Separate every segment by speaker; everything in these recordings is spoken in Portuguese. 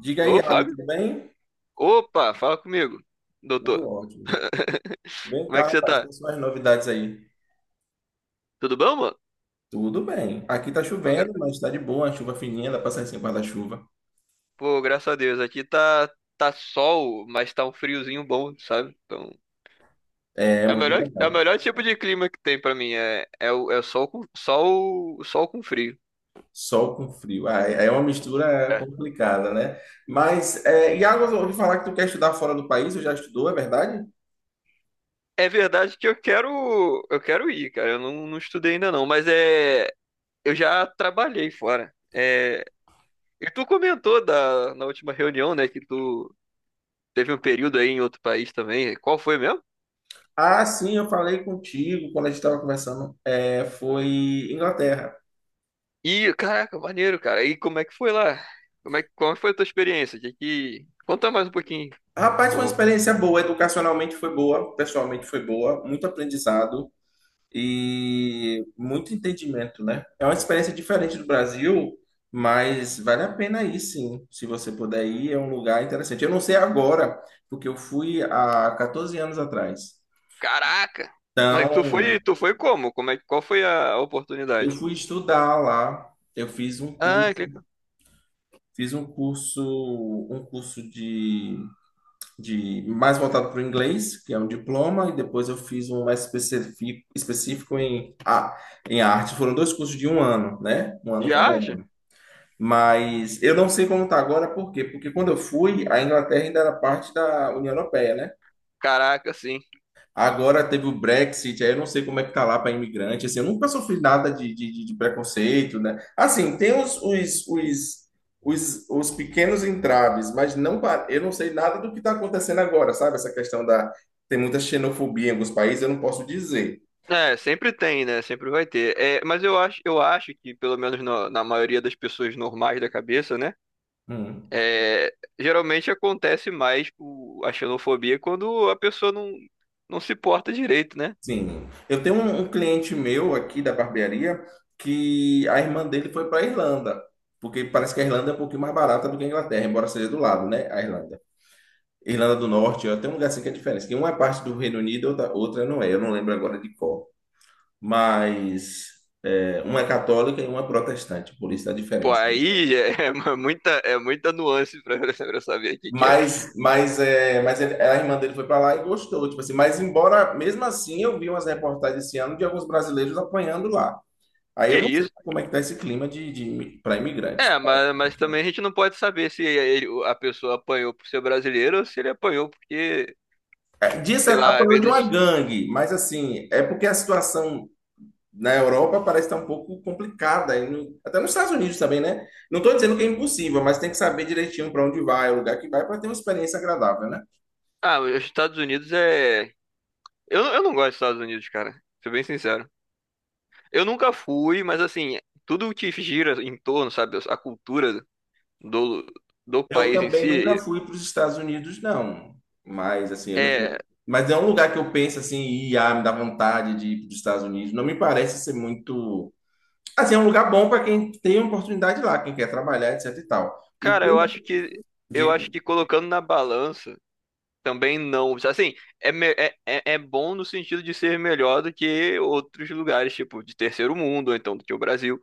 Speaker 1: Diga aí,
Speaker 2: Ô,
Speaker 1: Iago,
Speaker 2: Fábio?
Speaker 1: tudo bem?
Speaker 2: Opa, fala comigo,
Speaker 1: Tudo
Speaker 2: doutor.
Speaker 1: ótimo. Vem
Speaker 2: Como é
Speaker 1: cá,
Speaker 2: que você
Speaker 1: rapaz,
Speaker 2: tá?
Speaker 1: quais são as novidades aí?
Speaker 2: Tudo bom, mano?
Speaker 1: Tudo bem. Aqui tá
Speaker 2: Ó, gra-
Speaker 1: chovendo, mas tá de boa, chuva fininha, dá pra sair sem guarda-chuva.
Speaker 2: Pô, graças a Deus, aqui tá sol, mas tá um friozinho bom, sabe? Então,
Speaker 1: É
Speaker 2: é o
Speaker 1: muito
Speaker 2: melhor, é o
Speaker 1: legal.
Speaker 2: melhor tipo de clima que tem pra mim, é o sol com frio.
Speaker 1: Sol com frio. Ah, é uma mistura
Speaker 2: É.
Speaker 1: complicada, né? Mas, é, Iago, eu ouvi falar que tu quer estudar fora do país, eu já estudou, é verdade?
Speaker 2: É verdade que eu quero, ir, cara, eu não estudei ainda não, mas é, eu já trabalhei fora. É, e tu comentou na última reunião, né, que tu teve um período aí em outro país também. Qual foi mesmo?
Speaker 1: Ah, sim, eu falei contigo quando a gente estava conversando. É, foi Inglaterra.
Speaker 2: Ih, caraca, maneiro, cara. E como é que foi lá? Como foi a tua experiência? Conta mais um pouquinho,
Speaker 1: Rapaz,
Speaker 2: por
Speaker 1: foi uma
Speaker 2: favor.
Speaker 1: experiência boa, educacionalmente foi boa, pessoalmente foi boa, muito aprendizado, e muito entendimento, né? É uma experiência diferente do Brasil, mas vale a pena ir, sim. Se você puder ir, é um lugar interessante. Eu não sei agora, porque eu fui há 14 anos atrás.
Speaker 2: Caraca! Mas tu
Speaker 1: Então,
Speaker 2: foi, tu foi como? Qual foi a
Speaker 1: eu
Speaker 2: oportunidade?
Speaker 1: fui estudar lá, eu fiz um
Speaker 2: Ah, que
Speaker 1: curso,
Speaker 2: legal.
Speaker 1: fiz um curso, um curso de mais voltado para o inglês, que é um diploma, e depois eu fiz um mais específico, específico em, em arte. Foram dois cursos de um ano, né? Um ano
Speaker 2: De
Speaker 1: cada
Speaker 2: arte?
Speaker 1: um. Mas eu não sei como está agora, por quê? Porque quando eu fui, a Inglaterra ainda era parte da União Europeia, né?
Speaker 2: Caraca, sim.
Speaker 1: Agora teve o Brexit, aí eu não sei como é que tá lá para imigrante, assim, eu nunca sofri nada de preconceito, né? Assim, tem os pequenos entraves, mas não, eu não sei nada do que está acontecendo agora, sabe? Essa questão da... Tem muita xenofobia em alguns países, eu não posso dizer.
Speaker 2: É, sempre tem, né? Sempre vai ter. É, mas eu acho, que, pelo menos na maioria das pessoas normais da cabeça, né?
Speaker 1: Hum.
Speaker 2: É, geralmente acontece a xenofobia quando a pessoa não se porta direito, né?
Speaker 1: Sim, eu tenho um cliente meu aqui da barbearia que a irmã dele foi para a Irlanda, porque parece que a Irlanda é um pouquinho mais barata do que a Inglaterra, embora seja do lado, né? A Irlanda. Irlanda do Norte, ó, tem um lugar assim que é diferente, que uma é parte do Reino Unido, outra, outra não é, eu não lembro agora de qual. Mas é, uma é católica e uma é protestante, por isso a
Speaker 2: Pô,
Speaker 1: diferença.
Speaker 2: aí é, muita nuance pra, pra saber o que, que é.
Speaker 1: Mas é, mas a irmã dele foi para lá e gostou, tipo assim, mas embora, mesmo assim, eu vi umas reportagens esse ano de alguns brasileiros apanhando lá. Aí
Speaker 2: Que
Speaker 1: eu não sei
Speaker 2: isso?
Speaker 1: como é que tá esse clima para imigrante.
Speaker 2: É, mas também a gente não pode saber se ele- a pessoa apanhou por ser brasileiro ou se ele apanhou porque,
Speaker 1: É, Disse
Speaker 2: sei lá, às
Speaker 1: apanhou de uma
Speaker 2: vezes.
Speaker 1: gangue, mas assim, é porque a situação na Europa parece estar um pouco complicada, e até nos Estados Unidos também, né? Não estou dizendo que é impossível, mas tem que saber direitinho para onde vai, o lugar que vai, para ter uma experiência agradável, né?
Speaker 2: Ah, os Estados Unidos é. Eu não gosto dos Estados Unidos, cara. Ser bem sincero. Eu nunca fui, mas assim, tudo que gira em torno, sabe? A cultura. do, do
Speaker 1: Eu
Speaker 2: país em
Speaker 1: também nunca
Speaker 2: si,
Speaker 1: fui para os Estados Unidos, não. Mas assim, eu não-
Speaker 2: é,
Speaker 1: mas é um lugar que eu penso assim, e ah, me dá vontade de ir para os Estados Unidos. Não me parece ser muito. Assim, é um lugar bom para quem tem oportunidade lá, quem quer trabalhar, etc e tal. O
Speaker 2: cara,
Speaker 1: que eu
Speaker 2: eu
Speaker 1: não
Speaker 2: acho que eu
Speaker 1: digo,
Speaker 2: acho que colocando na balança também não, assim, é bom no sentido de ser melhor do que outros lugares, tipo, de terceiro mundo, ou então do que o Brasil,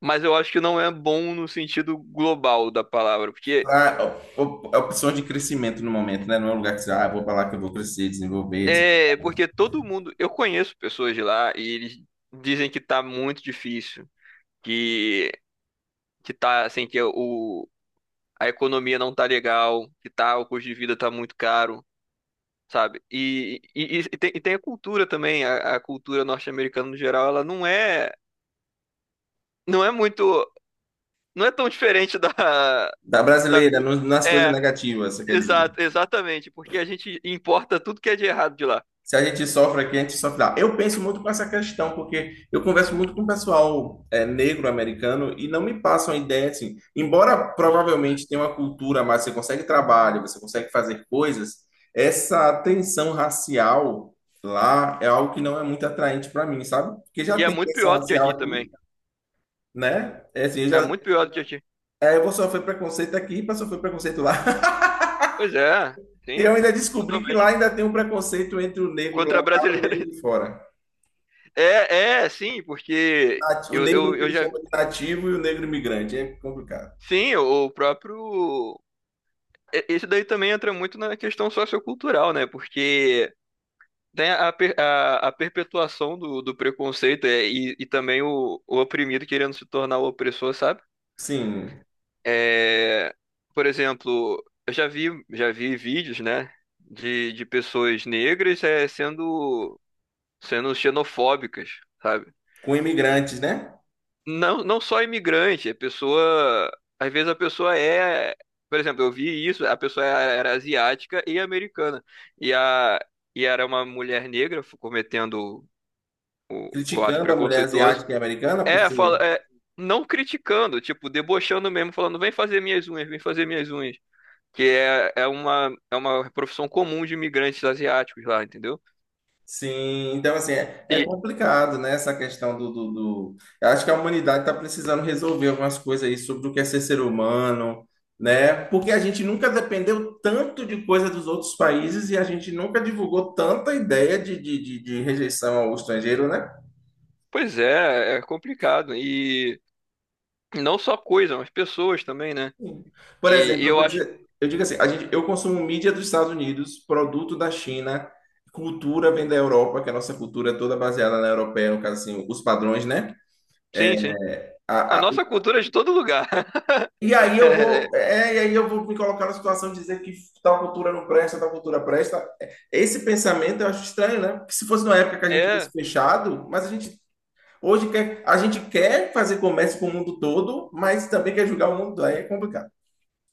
Speaker 2: mas eu acho que não é bom no sentido global da palavra, porque
Speaker 1: a opção de crescimento no momento, né? Não é um lugar que você, ah, vou para lá que eu vou crescer, desenvolver,
Speaker 2: é,
Speaker 1: etc.
Speaker 2: porque todo mundo, eu conheço pessoas de lá e eles dizem que tá muito difícil, que que tá assim que o a economia não tá legal, que tá, o custo de vida tá muito caro. Sabe? E tem a cultura também, a cultura norte-americana no geral, ela não é muito, não é tão diferente.
Speaker 1: Da
Speaker 2: Da,
Speaker 1: brasileira,
Speaker 2: cu-
Speaker 1: nas coisas
Speaker 2: é,
Speaker 1: negativas, você quer dizer.
Speaker 2: Exato, exatamente, porque a gente importa tudo que é de errado de lá.
Speaker 1: Se a gente sofre aqui, a gente sofre lá. Eu penso muito com essa questão, porque eu converso muito com o pessoal é, negro americano e não me passam a ideia assim. Embora provavelmente tenha uma cultura, mas você consegue trabalho, você consegue fazer coisas, essa tensão racial lá é algo que não é muito atraente para mim, sabe? Porque já
Speaker 2: E é
Speaker 1: tem
Speaker 2: muito
Speaker 1: tensão
Speaker 2: pior do que
Speaker 1: racial
Speaker 2: aqui
Speaker 1: aqui,
Speaker 2: também.
Speaker 1: né? É assim, eu
Speaker 2: É
Speaker 1: já,
Speaker 2: muito pior do que aqui.
Speaker 1: é, eu vou sofrer preconceito aqui para sofrer preconceito lá.
Speaker 2: Pois é,
Speaker 1: E eu
Speaker 2: sim,
Speaker 1: ainda descobri que lá
Speaker 2: totalmente.
Speaker 1: ainda tem um preconceito entre o negro
Speaker 2: Contra a
Speaker 1: local e o negro
Speaker 2: brasileira.
Speaker 1: de fora.
Speaker 2: Sim, porque
Speaker 1: O
Speaker 2: eu,
Speaker 1: negro
Speaker 2: eu,
Speaker 1: que
Speaker 2: eu
Speaker 1: ele
Speaker 2: já.
Speaker 1: chama de nativo e o negro imigrante. É complicado.
Speaker 2: Sim, o próprio. Isso daí também entra muito na questão sociocultural, né? Porque tem a perpetuação do preconceito e também o oprimido querendo se tornar o opressor, sabe?
Speaker 1: Sim,
Speaker 2: É, por exemplo, eu já vi vídeos, né, de pessoas negras sendo xenofóbicas, sabe?
Speaker 1: com imigrantes, né?
Speaker 2: Não, não só imigrante, a pessoa. Às vezes a pessoa é. Por exemplo, eu vi isso, a pessoa era asiática e americana. E, a, e era uma mulher negra cometendo o ato
Speaker 1: Criticando a mulher
Speaker 2: preconceituoso.
Speaker 1: asiática e americana por
Speaker 2: É, fala,
Speaker 1: ser.
Speaker 2: é, não criticando, tipo, debochando mesmo, falando, vem fazer minhas unhas, vem fazer minhas unhas. Que é uma profissão comum de imigrantes asiáticos lá, entendeu?
Speaker 1: Sim, então assim, é, é
Speaker 2: E,
Speaker 1: complicado, né? Essa questão do. Eu acho que a humanidade está precisando resolver algumas coisas aí sobre o que é ser ser humano, né? Porque a gente nunca dependeu tanto de coisa dos outros países e a gente nunca divulgou tanta ideia de rejeição ao estrangeiro, né?
Speaker 2: pois é, é complicado. E não só coisa, mas pessoas também, né?
Speaker 1: Sim. Por
Speaker 2: E
Speaker 1: exemplo, eu
Speaker 2: eu
Speaker 1: vou
Speaker 2: acho,
Speaker 1: dizer, eu digo assim, a gente, eu consumo mídia dos Estados Unidos, produto da China, cultura vem da Europa, que a nossa cultura é toda baseada na europeia, no caso assim, os padrões, né? É,
Speaker 2: sim, sim. A
Speaker 1: A- a-
Speaker 2: nossa cultura é de todo lugar.
Speaker 1: e aí eu
Speaker 2: É,
Speaker 1: vou, é, e aí eu vou me colocar na situação de dizer que tal cultura não presta, tal cultura presta. Esse pensamento eu acho estranho, né? Porque se fosse numa época que a gente tivesse
Speaker 2: é,
Speaker 1: fechado, mas a gente hoje quer, a gente quer fazer comércio com o mundo todo, mas também quer julgar o mundo, aí é complicado.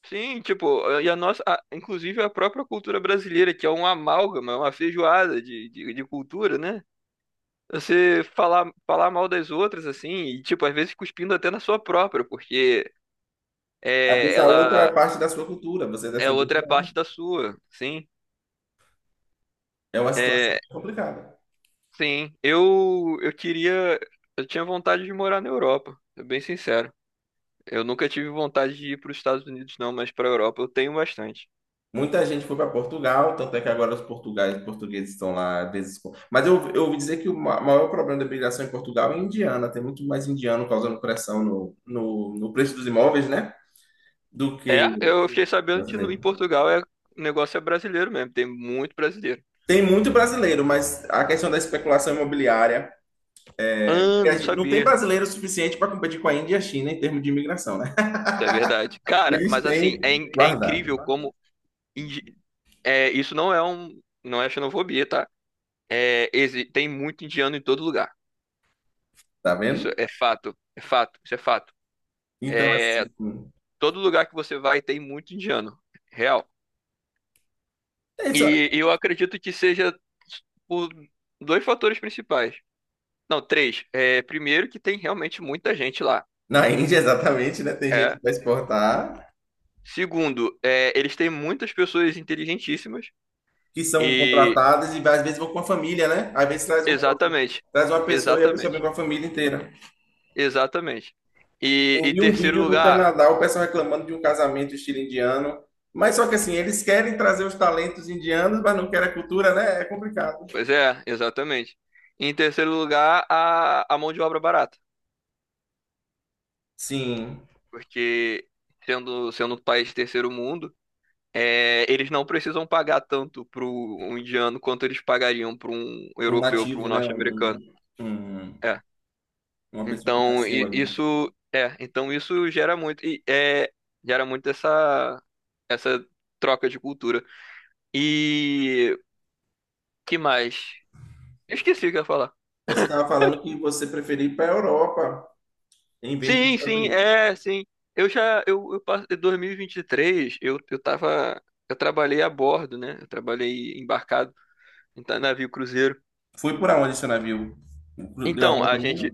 Speaker 2: sim, tipo, inclusive a própria cultura brasileira, que é um amálgama, é uma feijoada de cultura, né? Você falar mal das outras, assim, e, tipo, às vezes cuspindo até na sua própria, porque
Speaker 1: Às vezes a outra é
Speaker 2: ela
Speaker 1: parte da sua cultura, você é
Speaker 2: é
Speaker 1: descendente.
Speaker 2: outra parte da sua, sim.
Speaker 1: É uma situação
Speaker 2: É,
Speaker 1: complicada.
Speaker 2: sim, eu tinha vontade de morar na Europa, sou bem sincero. Eu nunca tive vontade de ir para os Estados Unidos, não, mas para a Europa eu tenho bastante.
Speaker 1: Muita gente foi para Portugal, tanto é que agora os portugais, portugueses estão lá mas eu ouvi dizer que o maior problema da imigração em Portugal é indiana. Tem muito mais indiano causando pressão no preço dos imóveis, né? Do que
Speaker 2: É, eu fiquei sabendo que
Speaker 1: brasileiro.
Speaker 2: em Portugal, o negócio é brasileiro mesmo, tem muito brasileiro.
Speaker 1: Tem muito brasileiro, mas a questão da especulação imobiliária,
Speaker 2: Ah,
Speaker 1: que
Speaker 2: não
Speaker 1: não tem
Speaker 2: sabia.
Speaker 1: brasileiro suficiente para competir com a Índia e a China em termos de imigração, né?
Speaker 2: Isso é verdade. Cara,
Speaker 1: Eles
Speaker 2: mas assim, é,
Speaker 1: têm
Speaker 2: in- é incrível
Speaker 1: guardado,
Speaker 2: como. É, isso não é xenofobia, tá? É, tem muito indiano em todo lugar.
Speaker 1: tá
Speaker 2: Isso
Speaker 1: vendo?
Speaker 2: é fato, isso é fato.
Speaker 1: Então,
Speaker 2: É,
Speaker 1: assim,
Speaker 2: todo lugar que você vai tem muito indiano, real.
Speaker 1: é isso.
Speaker 2: E eu acredito que seja por dois fatores principais. Não, três. É, primeiro, que tem realmente muita gente lá.
Speaker 1: Na Índia, exatamente, né? Tem gente
Speaker 2: É.
Speaker 1: que vai exportar,
Speaker 2: Segundo, é, eles têm muitas pessoas inteligentíssimas.
Speaker 1: que são
Speaker 2: E.
Speaker 1: contratadas e às vezes vão com a família, né? Às vezes traz
Speaker 2: Exatamente.
Speaker 1: traz uma pessoa e a pessoa vem
Speaker 2: Exatamente.
Speaker 1: com a família inteira.
Speaker 2: Exatamente. E,
Speaker 1: Eu
Speaker 2: e
Speaker 1: vi um
Speaker 2: terceiro
Speaker 1: vídeo do
Speaker 2: lugar,
Speaker 1: Canadá, o pessoal reclamando de um casamento estilo indiano, mas só que assim, eles querem trazer os talentos indianos, mas não querem a cultura, né? É complicado.
Speaker 2: pois é, exatamente. Em terceiro lugar, a mão de obra barata,
Speaker 1: Sim,
Speaker 2: porque sendo um país de terceiro mundo, é, eles não precisam pagar tanto para um indiano quanto eles pagariam para um
Speaker 1: um
Speaker 2: europeu, para um
Speaker 1: nativo, né?
Speaker 2: norte-americano.
Speaker 1: Um-
Speaker 2: É.
Speaker 1: uma pessoa que
Speaker 2: Então
Speaker 1: nasceu ali.
Speaker 2: isso gera muito gera muito essa essa troca de cultura. E que mais? Eu esqueci o que eu ia falar.
Speaker 1: Você estava falando que você preferia ir para a Europa em vez dos
Speaker 2: Sim,
Speaker 1: Estados
Speaker 2: sim,
Speaker 1: Unidos.
Speaker 2: é, sim. Eu passei 2023, eu trabalhei a bordo, né? Eu trabalhei embarcado em navio cruzeiro.
Speaker 1: Foi por aonde seu navio? Deu a
Speaker 2: Então,
Speaker 1: volta
Speaker 2: a
Speaker 1: ao mundo?
Speaker 2: gente,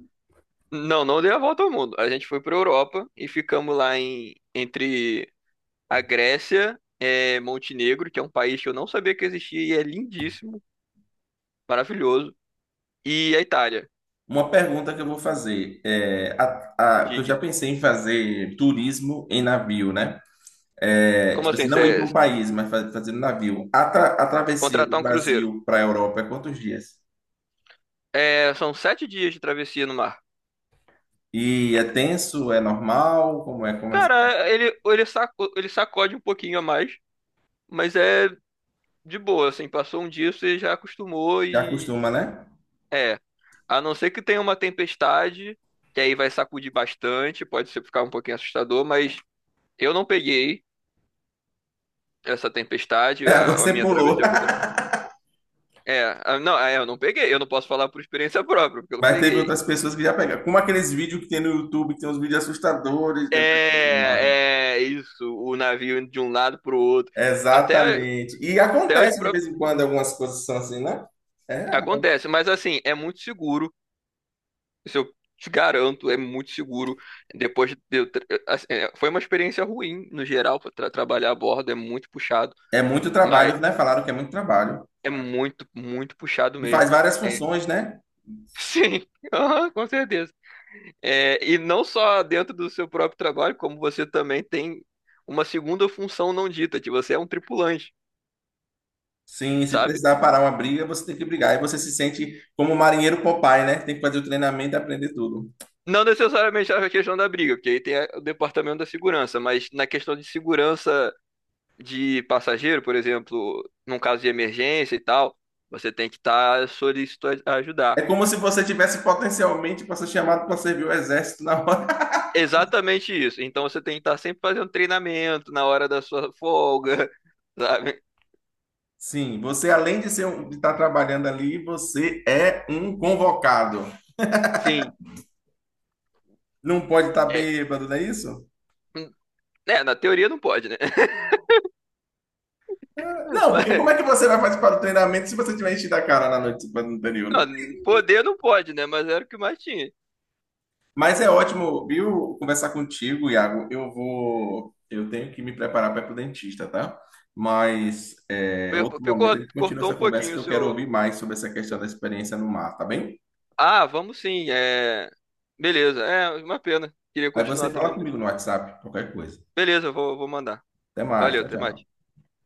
Speaker 2: não, não deu a volta ao mundo. A gente foi pra Europa e ficamos lá entre a Grécia, Montenegro, que é um país que eu não sabia que existia e é lindíssimo, maravilhoso, e a Itália,
Speaker 1: Uma pergunta que eu vou fazer, é, que eu
Speaker 2: diga.
Speaker 1: já pensei em fazer turismo em navio, né? É,
Speaker 2: Como
Speaker 1: tipo
Speaker 2: assim?
Speaker 1: assim,
Speaker 2: Caramba.
Speaker 1: não ir para um
Speaker 2: Você
Speaker 1: país, mas fazer no navio. A travessia do
Speaker 2: contratar um cruzeiro?
Speaker 1: Brasil para a Europa é quantos dias?
Speaker 2: É, são 7 dias de travessia no mar.
Speaker 1: E é tenso, é normal, como é, como é?
Speaker 2: Cara, ele sacode um pouquinho a mais, mas é de boa, assim, passou um dia, você já acostumou
Speaker 1: Já
Speaker 2: e
Speaker 1: acostuma, né?
Speaker 2: é. A não ser que tenha uma tempestade, que aí vai sacudir bastante, pode ser ficar um pouquinho assustador, mas eu não peguei essa tempestade,
Speaker 1: É,
Speaker 2: a
Speaker 1: você
Speaker 2: minha
Speaker 1: pulou.
Speaker 2: travessia foi tranquila. É, não, eu não peguei, eu não posso falar por experiência própria, porque eu não
Speaker 1: Mas teve
Speaker 2: peguei.
Speaker 1: outras pessoas que já pegaram. Como aqueles vídeos que tem no YouTube, que tem uns vídeos assustadores, né?
Speaker 2: É isso, o navio indo de um lado pro outro. Até,
Speaker 1: Exatamente. E
Speaker 2: até os
Speaker 1: acontece de
Speaker 2: próprios.
Speaker 1: vez em quando algumas coisas são assim, né? É,
Speaker 2: Acontece, mas assim, é muito seguro. Isso eu te garanto, é muito seguro. Depois de eu foi uma experiência ruim no geral para trabalhar a bordo, é muito puxado,
Speaker 1: é muito
Speaker 2: mas
Speaker 1: trabalho, né? Falaram que é muito trabalho.
Speaker 2: é muito, muito puxado
Speaker 1: E faz
Speaker 2: mesmo.
Speaker 1: várias
Speaker 2: É,
Speaker 1: funções, né?
Speaker 2: sim, aham, com certeza. É, e não só dentro do seu próprio trabalho, como você também tem uma segunda função não dita, que você é um tripulante.
Speaker 1: Sim, se
Speaker 2: Sabe?
Speaker 1: precisar parar uma briga, você tem que brigar. E você se sente como o marinheiro Popeye, né? Tem que fazer o treinamento e aprender tudo.
Speaker 2: Não necessariamente a questão da briga, porque aí tem o departamento da segurança, mas na questão de segurança de passageiro, por exemplo, num caso de emergência e tal, você tem que estar solícito a ajudar.
Speaker 1: É como se você tivesse potencialmente para ser chamado para servir o exército na hora.
Speaker 2: Exatamente isso. Então você tem que estar sempre fazendo treinamento na hora da sua folga, sabe?
Speaker 1: Sim, você além de ser de estar trabalhando ali, você é um convocado.
Speaker 2: Sim,
Speaker 1: Não pode estar
Speaker 2: é,
Speaker 1: bêbado, não é isso?
Speaker 2: na teoria não pode, né?
Speaker 1: Ah, não,
Speaker 2: Mas,
Speaker 1: porque como é que você vai participar do treinamento se você tiver enchido a cara na noite anterior?
Speaker 2: não, poder não pode, né? Mas era o que mais tinha.
Speaker 1: Mas é ótimo, viu, conversar contigo, Iago. Eu vou, eu tenho que me preparar para ir pro dentista, tá? Mas é, outro momento a gente continua
Speaker 2: Cortou
Speaker 1: essa
Speaker 2: um
Speaker 1: conversa
Speaker 2: pouquinho
Speaker 1: que
Speaker 2: o
Speaker 1: eu quero
Speaker 2: seu.
Speaker 1: ouvir mais sobre essa questão da experiência no mar, tá bem?
Speaker 2: Ah, vamos sim, é. Beleza, é uma pena. Queria
Speaker 1: Aí você
Speaker 2: continuar
Speaker 1: fala
Speaker 2: também, mas
Speaker 1: comigo no WhatsApp, qualquer coisa.
Speaker 2: beleza, eu vou mandar.
Speaker 1: Até mais,
Speaker 2: Valeu,
Speaker 1: tchau,
Speaker 2: até mais.
Speaker 1: tchau.